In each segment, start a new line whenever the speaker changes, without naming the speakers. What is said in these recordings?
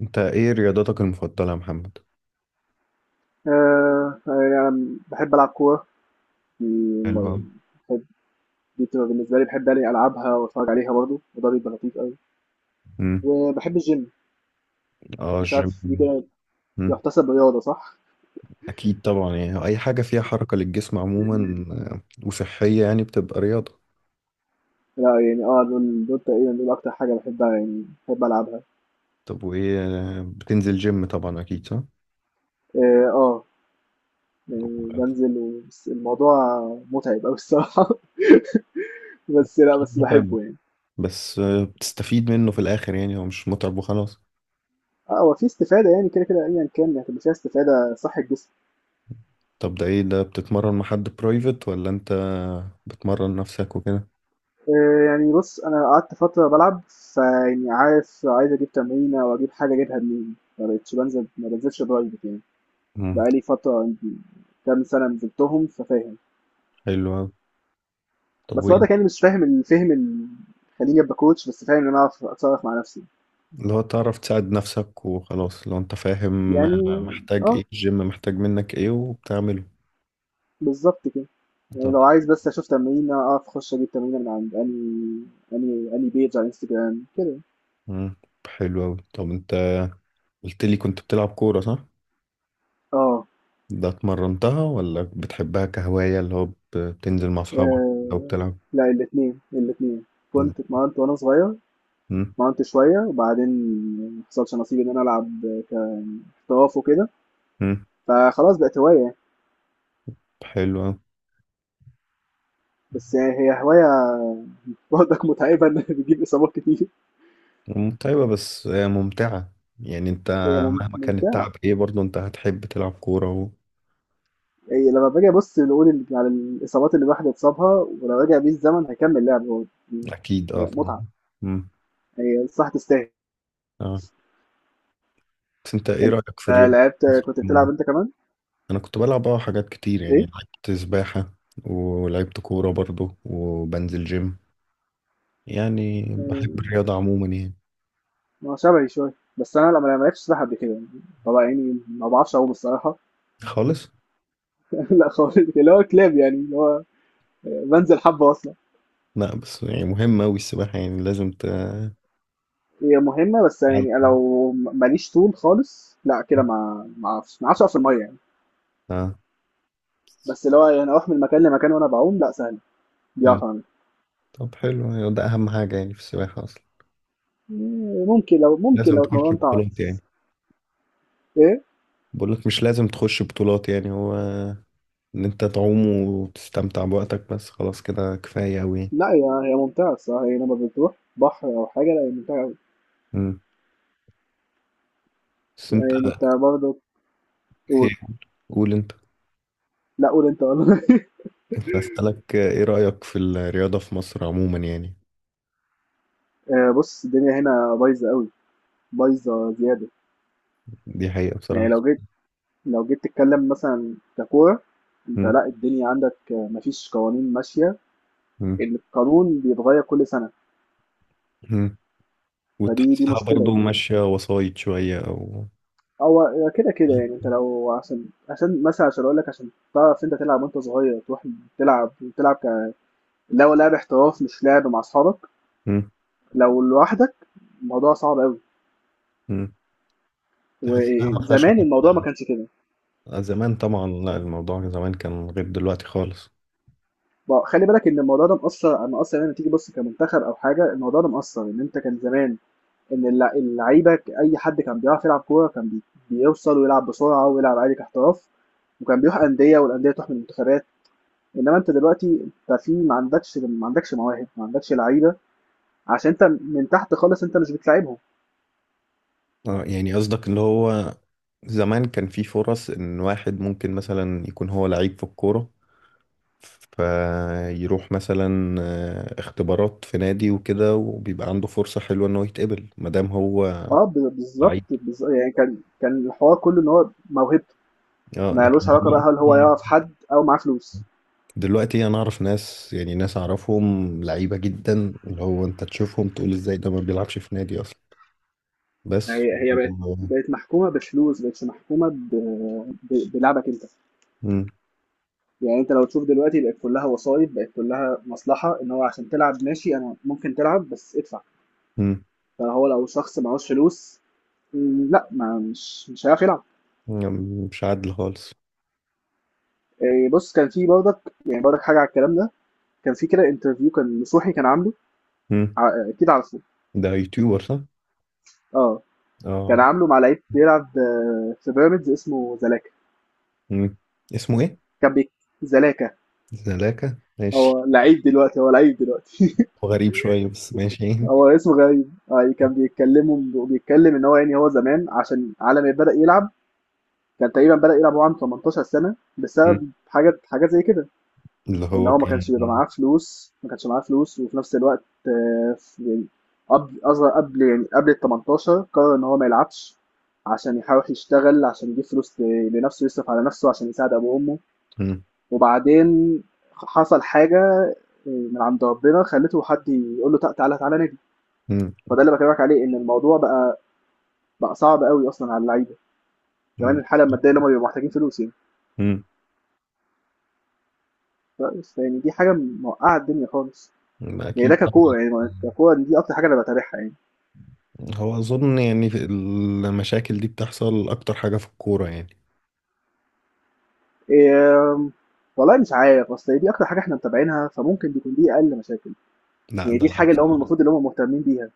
انت ايه رياضتك المفضلة يا محمد؟
فيعني باحب ألعب كورة، دي م
حلو أوي.
باحب دي بتبقى بالنسبة لي باحب يعني ألعبها وأتفرّج عليها برضه، وده بيبقى لطيف أوي،
امم.
وباحب الgym.
اه،
مش
الجيم.
عارف دي كده
مم.
تُحتسب رياضة صح؟
اكيد طبعا، يعني اي حاجة فيها حركة للجسم عموما، آه، وصحية يعني بتبقى رياضة.
لأ يعني آه، دول تقريبًا أكتر حاجة باحبها يعني باحب ألعبها.
طب وايه بتنزل جيم طبعا اكيد صح؟
آه، يعني بانزل و بس الموضوع مُتعب أوي الصراحة. بس لأ،
اكيد
بس
متعب،
باحبه يعني.
بس بتستفيد منه في الاخر، يعني هو مش متعب وخلاص.
آه، هو في استفادة يعني كده، كده أيًا كان يعني هتبقى فيها استفادة صح الجسم.
طب ده ايه، ده بتتمرن مع حد برايفت ولا انت بتمرن نفسك وكده؟
يعني بُص، أنا قعدت فترة بالعب، فيعني عارف عايز أجيب تمرينة أو أجيب حاجة أجيبها منين، ما بقيتش بانزل ما بانزلش private يعني.
مم.
بقى لي فترة يمكن كام سَنة نزلتهم ففاهم،
حلو أوي. طب،
بس وقتها يعني مش فاهم الفهم ال، خلّيني أبقى coach بس فاهم إن أنا أعرف أتصرّف مع نَفْسي،
اللي هو تعرف تساعد نفسك وخلاص لو انت فاهم
يعني
محتاج ايه،
آه،
الجيم محتاج منك ايه وبتعمله.
بالضبط كده. يعني
طب.
لو عايز بس أشوف تمرينة أعرف أخُش أجيب تمرينة من عند أنهي page على الInstagram كده.
مم. حلو اوي. طب انت قلت لي كنت بتلعب كورة صح؟
آه،
ده اتمرنتها ولا بتحبها كهواية، اللي هو بتنزل مع اصحابك
آآ
لو بتلعب.
لأ الاتنين، الاتنين، كنت اتمرّنت وأنا صغير،
مم.
اتمرنت شوية وبعدين ما حصلش نصيب إن أنا ألعب ك احتراف وكده،
مم.
فخلاص بقت هواية يعني.
حلو اوي.
بس يعني هي هواية برضك متعبة إن بتجيب إصابات كتير.
متعبة بس ممتعة، يعني انت
هي
مهما كان التعب
ممتعة.
ايه برضه انت هتحب تلعب كورة و...
هي لما باجي أبص نقول على الإصابات اللي الواحد اتصابها، ولو رجع بيه الزمن هيكمل لعب هو،
اكيد اه
يعني
طبعا.
متعة،
مم.
هي صح تستاهل.
اه، بس انت ايه
أنت
رأيك في الرياضة؟
لعبت، كنت بتلعب أنت كمان؟
انا كنت بلعب حاجات كتير، يعني
إيه؟
لعبت سباحة ولعبت كورة برضو وبنزل جيم، يعني
آه،
بحب الرياضة عموما يعني.
ما شبهي شوية، بس أنا لما ما لعبتش سباحة قبل كده يعني. طبعا يعني ما بعرفش أعوم الصراحة.
خالص.
لا خالص اللي هو كلاب يعني اللي هو بانزل حبة أصلًا.
لا، بس يعني مهمة أوي السباحة، يعني لازم
هي مهمة بس يعني أنا لو ماليش طول خالص، لأ كده ما أعرفش، ما أعرفش أقف في المَيّة يعني.
اه.
بس اللي هو يعني أروح من مكان لمكان وأنا باعوم لأ سهلة، دي
مم.
أعرف أعملها.
طب حلو، يعني ده أهم حاجة يعني في السباحة أصلا.
ممكن لو، ممكن
لازم
لو
تخش
اتمرنت
بطولات يعني.
أعرف. إيه؟
بقول لك مش لازم تخش بطولات، يعني هو إن أنت تعوم وتستمتع بوقتك بس خلاص كده كفاية أوي يعني.
لأ هي ممتعة الصراحة، هي لمّا بتروح بحر أو حاجة لأ هي ممتعة أوي.
مم. بس أنت
يعني أنت برضه
إيه؟
قُل.
قول أنت.
لأ قُل أنت والّا؟
كنت أسألك إيه رأيك في الرياضة في مصر عموما يعني.
بُص الدنيا هنا بايظة أوي، بايظة زيادة.
دي حقيقة
يعني
بصراحة.
لو جيت تتكلم مثلًا ككورة، أنت
مم.
لأ الدنيا عندك ما فيش قوانين ماشية،
مم.
القانون بيتغيّر كل سَنة.
مم.
فدي
وتحسها
مشكلة
برضو
يعني.
ماشية وسايط شوية أو...
هو هي كده، كده يعني أنت لو، عشان مثلًا عشان أقول لك عشان تعرف أنت تلعب، وأنت صغير تروح تلعب تلعب اللي هو لعب احتراف مش لعب مع أصحابك.
مم.
لو لوحدك الموضوع صعب أوي،
مم. تحسها ما فيهاش
وزمان الموضوع ما
حاجة.
كانش كده.
زمان طبعا لا، الموضوع زمان كان غير دلوقتي خالص.
ما خلّي بالك إن الموضوع ده مأثّر يعني لمّا تيجي تبُص كمنتخب أو حاجة، الموضوع ده مأثّر، إن أنت كان زمان، إن اللعيبة أي حد كان بيعرف يلعب كورة كان بيوصل ويلعب بسرعة ويلعب عادي كاحتراف، وكان بيروح أندية والأندية تروح من المنتخبات. إنما أنت دلوقتي أنت في، ما عندكش مواهب، ما عندكش لعيبة، عشان أنت من تحت خالص أنت مش بتلاعبهم.
آه، يعني قصدك اللي هو زمان كان في فرص إن واحد ممكن مثلا يكون هو لعيب في الكورة، فيروح مثلا اختبارات في نادي وكده، وبيبقى عنده فرصة حلوة إنه يتقبل مادام هو
آه بالضبط،
لعيب.
يعني كان الحوار كله إن هو موهبته،
اه،
ما
لكن
لوش علاقة بقى هل هو
دلوقتي
يعرف حد أو معاه فلوس.
انا اعرف ناس، يعني ناس اعرفهم لعيبه جدا، اللي هو انت تشوفهم تقول ازاي ده ما بيلعبش في نادي اصلا. بس.
هي بقت محكومة بفلوس، ما بقتش محكومة ب بلعبك أنت.
مم.
يعني أنت لو تشوف دلوقتي بقت كلها وسايط، بقت كلها مصلحة، إن هو عشان تلعب ماشي أنا ممكن تلعب بس ادفع.
مم.
فهو لو شخص معهوش فلوس، لأ ما مش هيعرف يلعب.
يعني مش عادل خالص.
آه، بص كان في برضك، يعني برضك حاجه على الكلام ده، كان في كده انترفيو كان نصوحي كان عامله،
مم.
آه، اكيد عارفه.
ده يوتيوبر صح؟
اه
اه
كان
عارف.
عامله مع لعيب بيلعب آه، في بيراميدز اسمه زلاكا.
مم. اسمه ايه؟
كان بيك، زلاكا.
زلاكا ماشي.
هو لعيب دلوقتي.
هو غريب شويه بس ماشي يعني.
هو اسمه غريب آه. كان بيتكلم ان هو يعني هو زمان عشان على ما بدأ يلعب كان تقريبا بدأ يلعب وهو عنده 18 سنة
مم.
بسبب حاجات زي كده،
اللي
ان
هو
هو ما
كان.
كانش بيبقى معاه فلوس، ما كانش معاه فلوس وفي نفس الوقت آه، يعني قبل اصغر، قبل يعني قبل ال 18 قرر ان هو ما يلعبش عشان يحاول يشتغل عشان يجيب فلوس لنفسه يصرف على نفسه عشان يساعد ابو وامه،
مم.
وبعدين حصل حاجه آه، من عند ربنا خلته حد يقول له: تعالى تعالى نادي".
مم.
فده اللي بكلمك عليه ان الموضوع بقى صعب قوي اصلا على اللعيبه، كمان
مم.
الحاله الماديه اللي هم بيبقوا محتاجين فلوس يعني.
مم.
بس يعني دي حاجه موقعه الدنيا خالص. يعني ده
اكيد طبعا.
ككوره، يعني ككوره دي اكتر حاجه انا بتابعها يعني.
هو اظن يعني في المشاكل دي بتحصل اكتر حاجه في الكوره يعني.
آمم، والله مش عارف، أصل هي دي أكتر حاجة إحنا متابعينها، فممكن تكون دي أقل مشاكل،
لا
يعني
ده
دي الحاجة
العكس.
اللي هُم المفروض اللي هُم مهتمين بيها.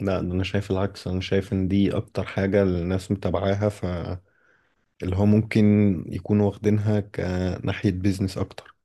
لا ده انا شايف العكس، انا شايف ان دي اكتر حاجة الناس متابعاها، فاللي هو ممكن يكونوا واخدينها كناحية بيزنس اكتر،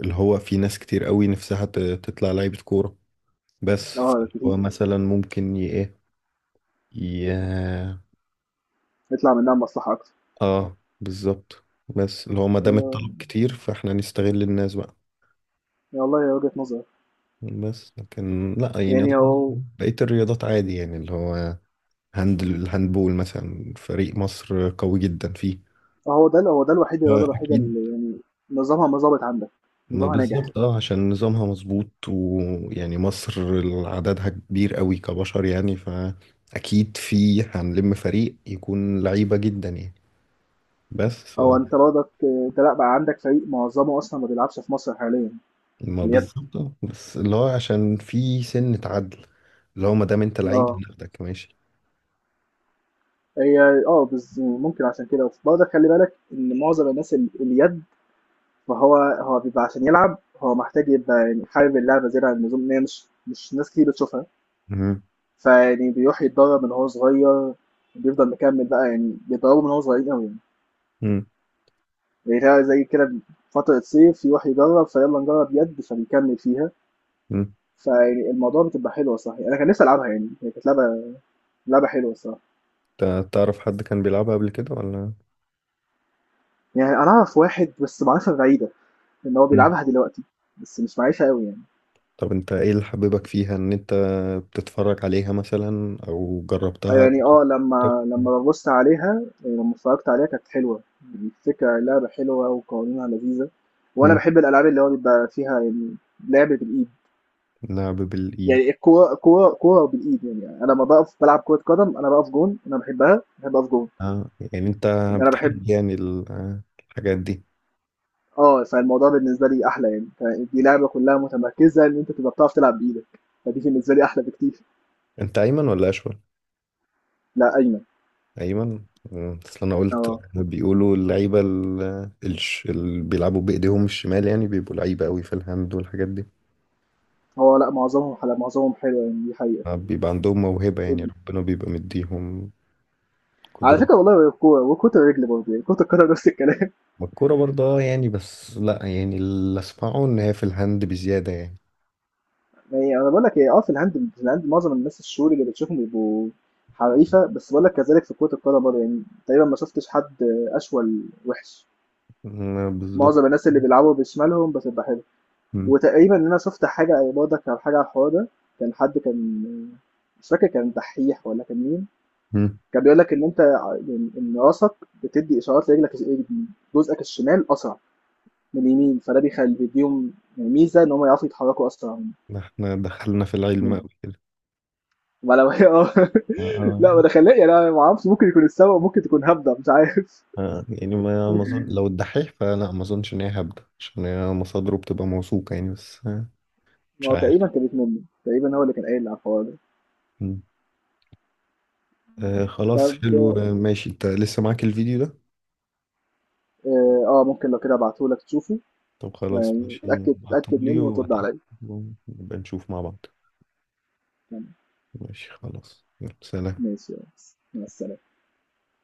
اللي هو في ناس كتير قوي نفسها تطلع لعيبة كورة. بس
آه،
هو
دي
مثلا ممكن ي...
يطلع منها مصلحة أكتر.
اه بالظبط. بس اللي هو ما دام
آآ،
الطلب كتير فاحنا نستغل الناس بقى.
والله هي وجهة نظر.
بس لكن لا، يعني
يعني
أظن
هو
بقية الرياضات عادي، يعني اللي هو الهاندبول مثلا فريق مصر قوي جدا فيه.
هو ده الوحيد، الرياضة الوحيدة
أكيد.
اللي يعني نظامها ما ضابط عندك،
ما
نظامها ناجح.
بالظبط عشان نظامها مظبوط، ويعني مصر عددها كبير قوي كبشر، يعني فأكيد في هنلم فريق يكون لعيبة جدا يعني. بس
هو أنت برضك آه، أنت لأ بقى عندك فريق معظمه أصلًا ما بيلعبش في مصر حاليًا، في
ما
اليد.
بالظبط آه. بس اللي هو عشان في سنة عدل، اللي هو ما دام انت لعيب
آه،
هناخدك ماشي.
هي آه، ممكن عشان كده، برضك خلّي بالك إن معظم الناس ال اليد، ما هو بيبقى عشان يلعب هو محتاج يبقى يعني حابب اللعبة زيادة عن اللزوم، إن هي مش ناس كتير بتشوفها.
مهم.
فيعني بيروح يتدرب من هو صغير، بيفضل مكمل بقى، يعني بيتدربوا من هو صغير قوي،
مم.
يعني زي كده فترة صيف يروح يجرب فيلا نجرب يد فبيكمل فيها.
مم.
فيعني الموضوع بتبقى حلوة صح، يعني أنا كان نفسي ألعبها، يعني هي كانت لعبة حلوة الصراحة.
تعرف حد كان بيلعبها قبل كده ولا...
يعني أنا أعرف واحد بس معرفة بعيدة إن هو
مم.
بيلعبها دلوقتي، بس مش معيشها قوي يعني.
طب انت ايه اللي حببك فيها ان انت بتتفرج عليها مثلا او جربتها.
يعني اه لما ببص عليها، يعني لما اتفرجت عليها كانت حلوة، يعني الفكرة اللعبة حلوة وقوانينها لذيذة، وأنا
مم.
بحب الألعاب اللي هو بيبقى فيها يعني لعب بالإيد.
لعب بالإيد.
يعني الكورة، كورة بالإيد، يعني أنا لما بقف بلعب كرة قدم أنا بقف جون، أنا بحبها بحب أقف جون،
اه يعني انت
لأن أنا بحب.
بتحب يعني الحاجات دي.
اه فالموضوع بالنسبة لي أحلى يعني، دي لعبة كلها متمركزة إن أنت تبقى بتعرف تلعب بإيدك، فدي بالنسبة لي أحلى بكتير.
انت ايمن ولا اشول؟
لا أيمن.
ايمن. آه، اصل انا قلت
اه
بيقولوا اللعيبه اللي بيلعبوا بايديهم الشمال يعني بيبقوا لعيبه قوي في الهاند والحاجات دي.
هو لا معظمهم حلو، يعني دي حقيقة.
آه، بيبقى عندهم موهبه، يعني ربنا بيبقى مديهم
على
قدره.
فكره والله الكوره وكره الرجل برضه يعني كره القدم نفس الكلام.
ما الكوره برضه يعني بس لا، يعني اللي اسمعه ان هي في الهاند بزياده يعني.
يعني انا بقول لك ايه، اه في الهاند معظم الناس الشهور اللي بتشوفهم بيبقوا حريفه، بس بقول لك كذلك في كره القدم برضه يعني تقريبا ما شفتش حد اشول وحش.
آه، بالظبط.
معظم الناس اللي بيلعبوا بشمالهم بتبقى حلوه.
م-
وتقريبا ان انا شفت حاجه برضه كان حاجه على الحوار ده، كان حد كان، مش فاكر كان دحيح ولا كان مين،
م.
كان بيقول لك ان انت يعني ان راسك بتدي اشارات لرجلك اليمين. جزءك الشمال اسرع من اليمين، فده بيخلي بيديهم يعني ميزه ان هم يعرفوا يتحركوا اسرع
احنا دخلنا في العلم
من.
قوي كده.
ما لو هي اه
اه
لا ما ده خلاه يعني، انا ما اعرفش ممكن يكون السبب، ممكن تكون هبده مش عارف.
يعني ما اظن لو الدحيح فلا، ما اظنش ان هي هبدة عشان هي مصادره بتبقى موثوقة يعني، بس مش
ما هو
عارف.
تقريبا كانت منه، تقريبا هو اللي كان قايل على الحوار ده.
مم. آه خلاص
طب
حلو، ماشي انت لسه معاك الفيديو ده.
اه آه، ممكن لو كده ابعتهولك تشوفه،
طب خلاص
يعني
ماشي
اتاكد، اتاكد
بعتهولي
منه وترد
واتأكد
عليا.
ونبقى نشوف مع بعض.
تمام.
ماشي خلاص يلا سلام.
ماشي يا ريس. مع السلامه.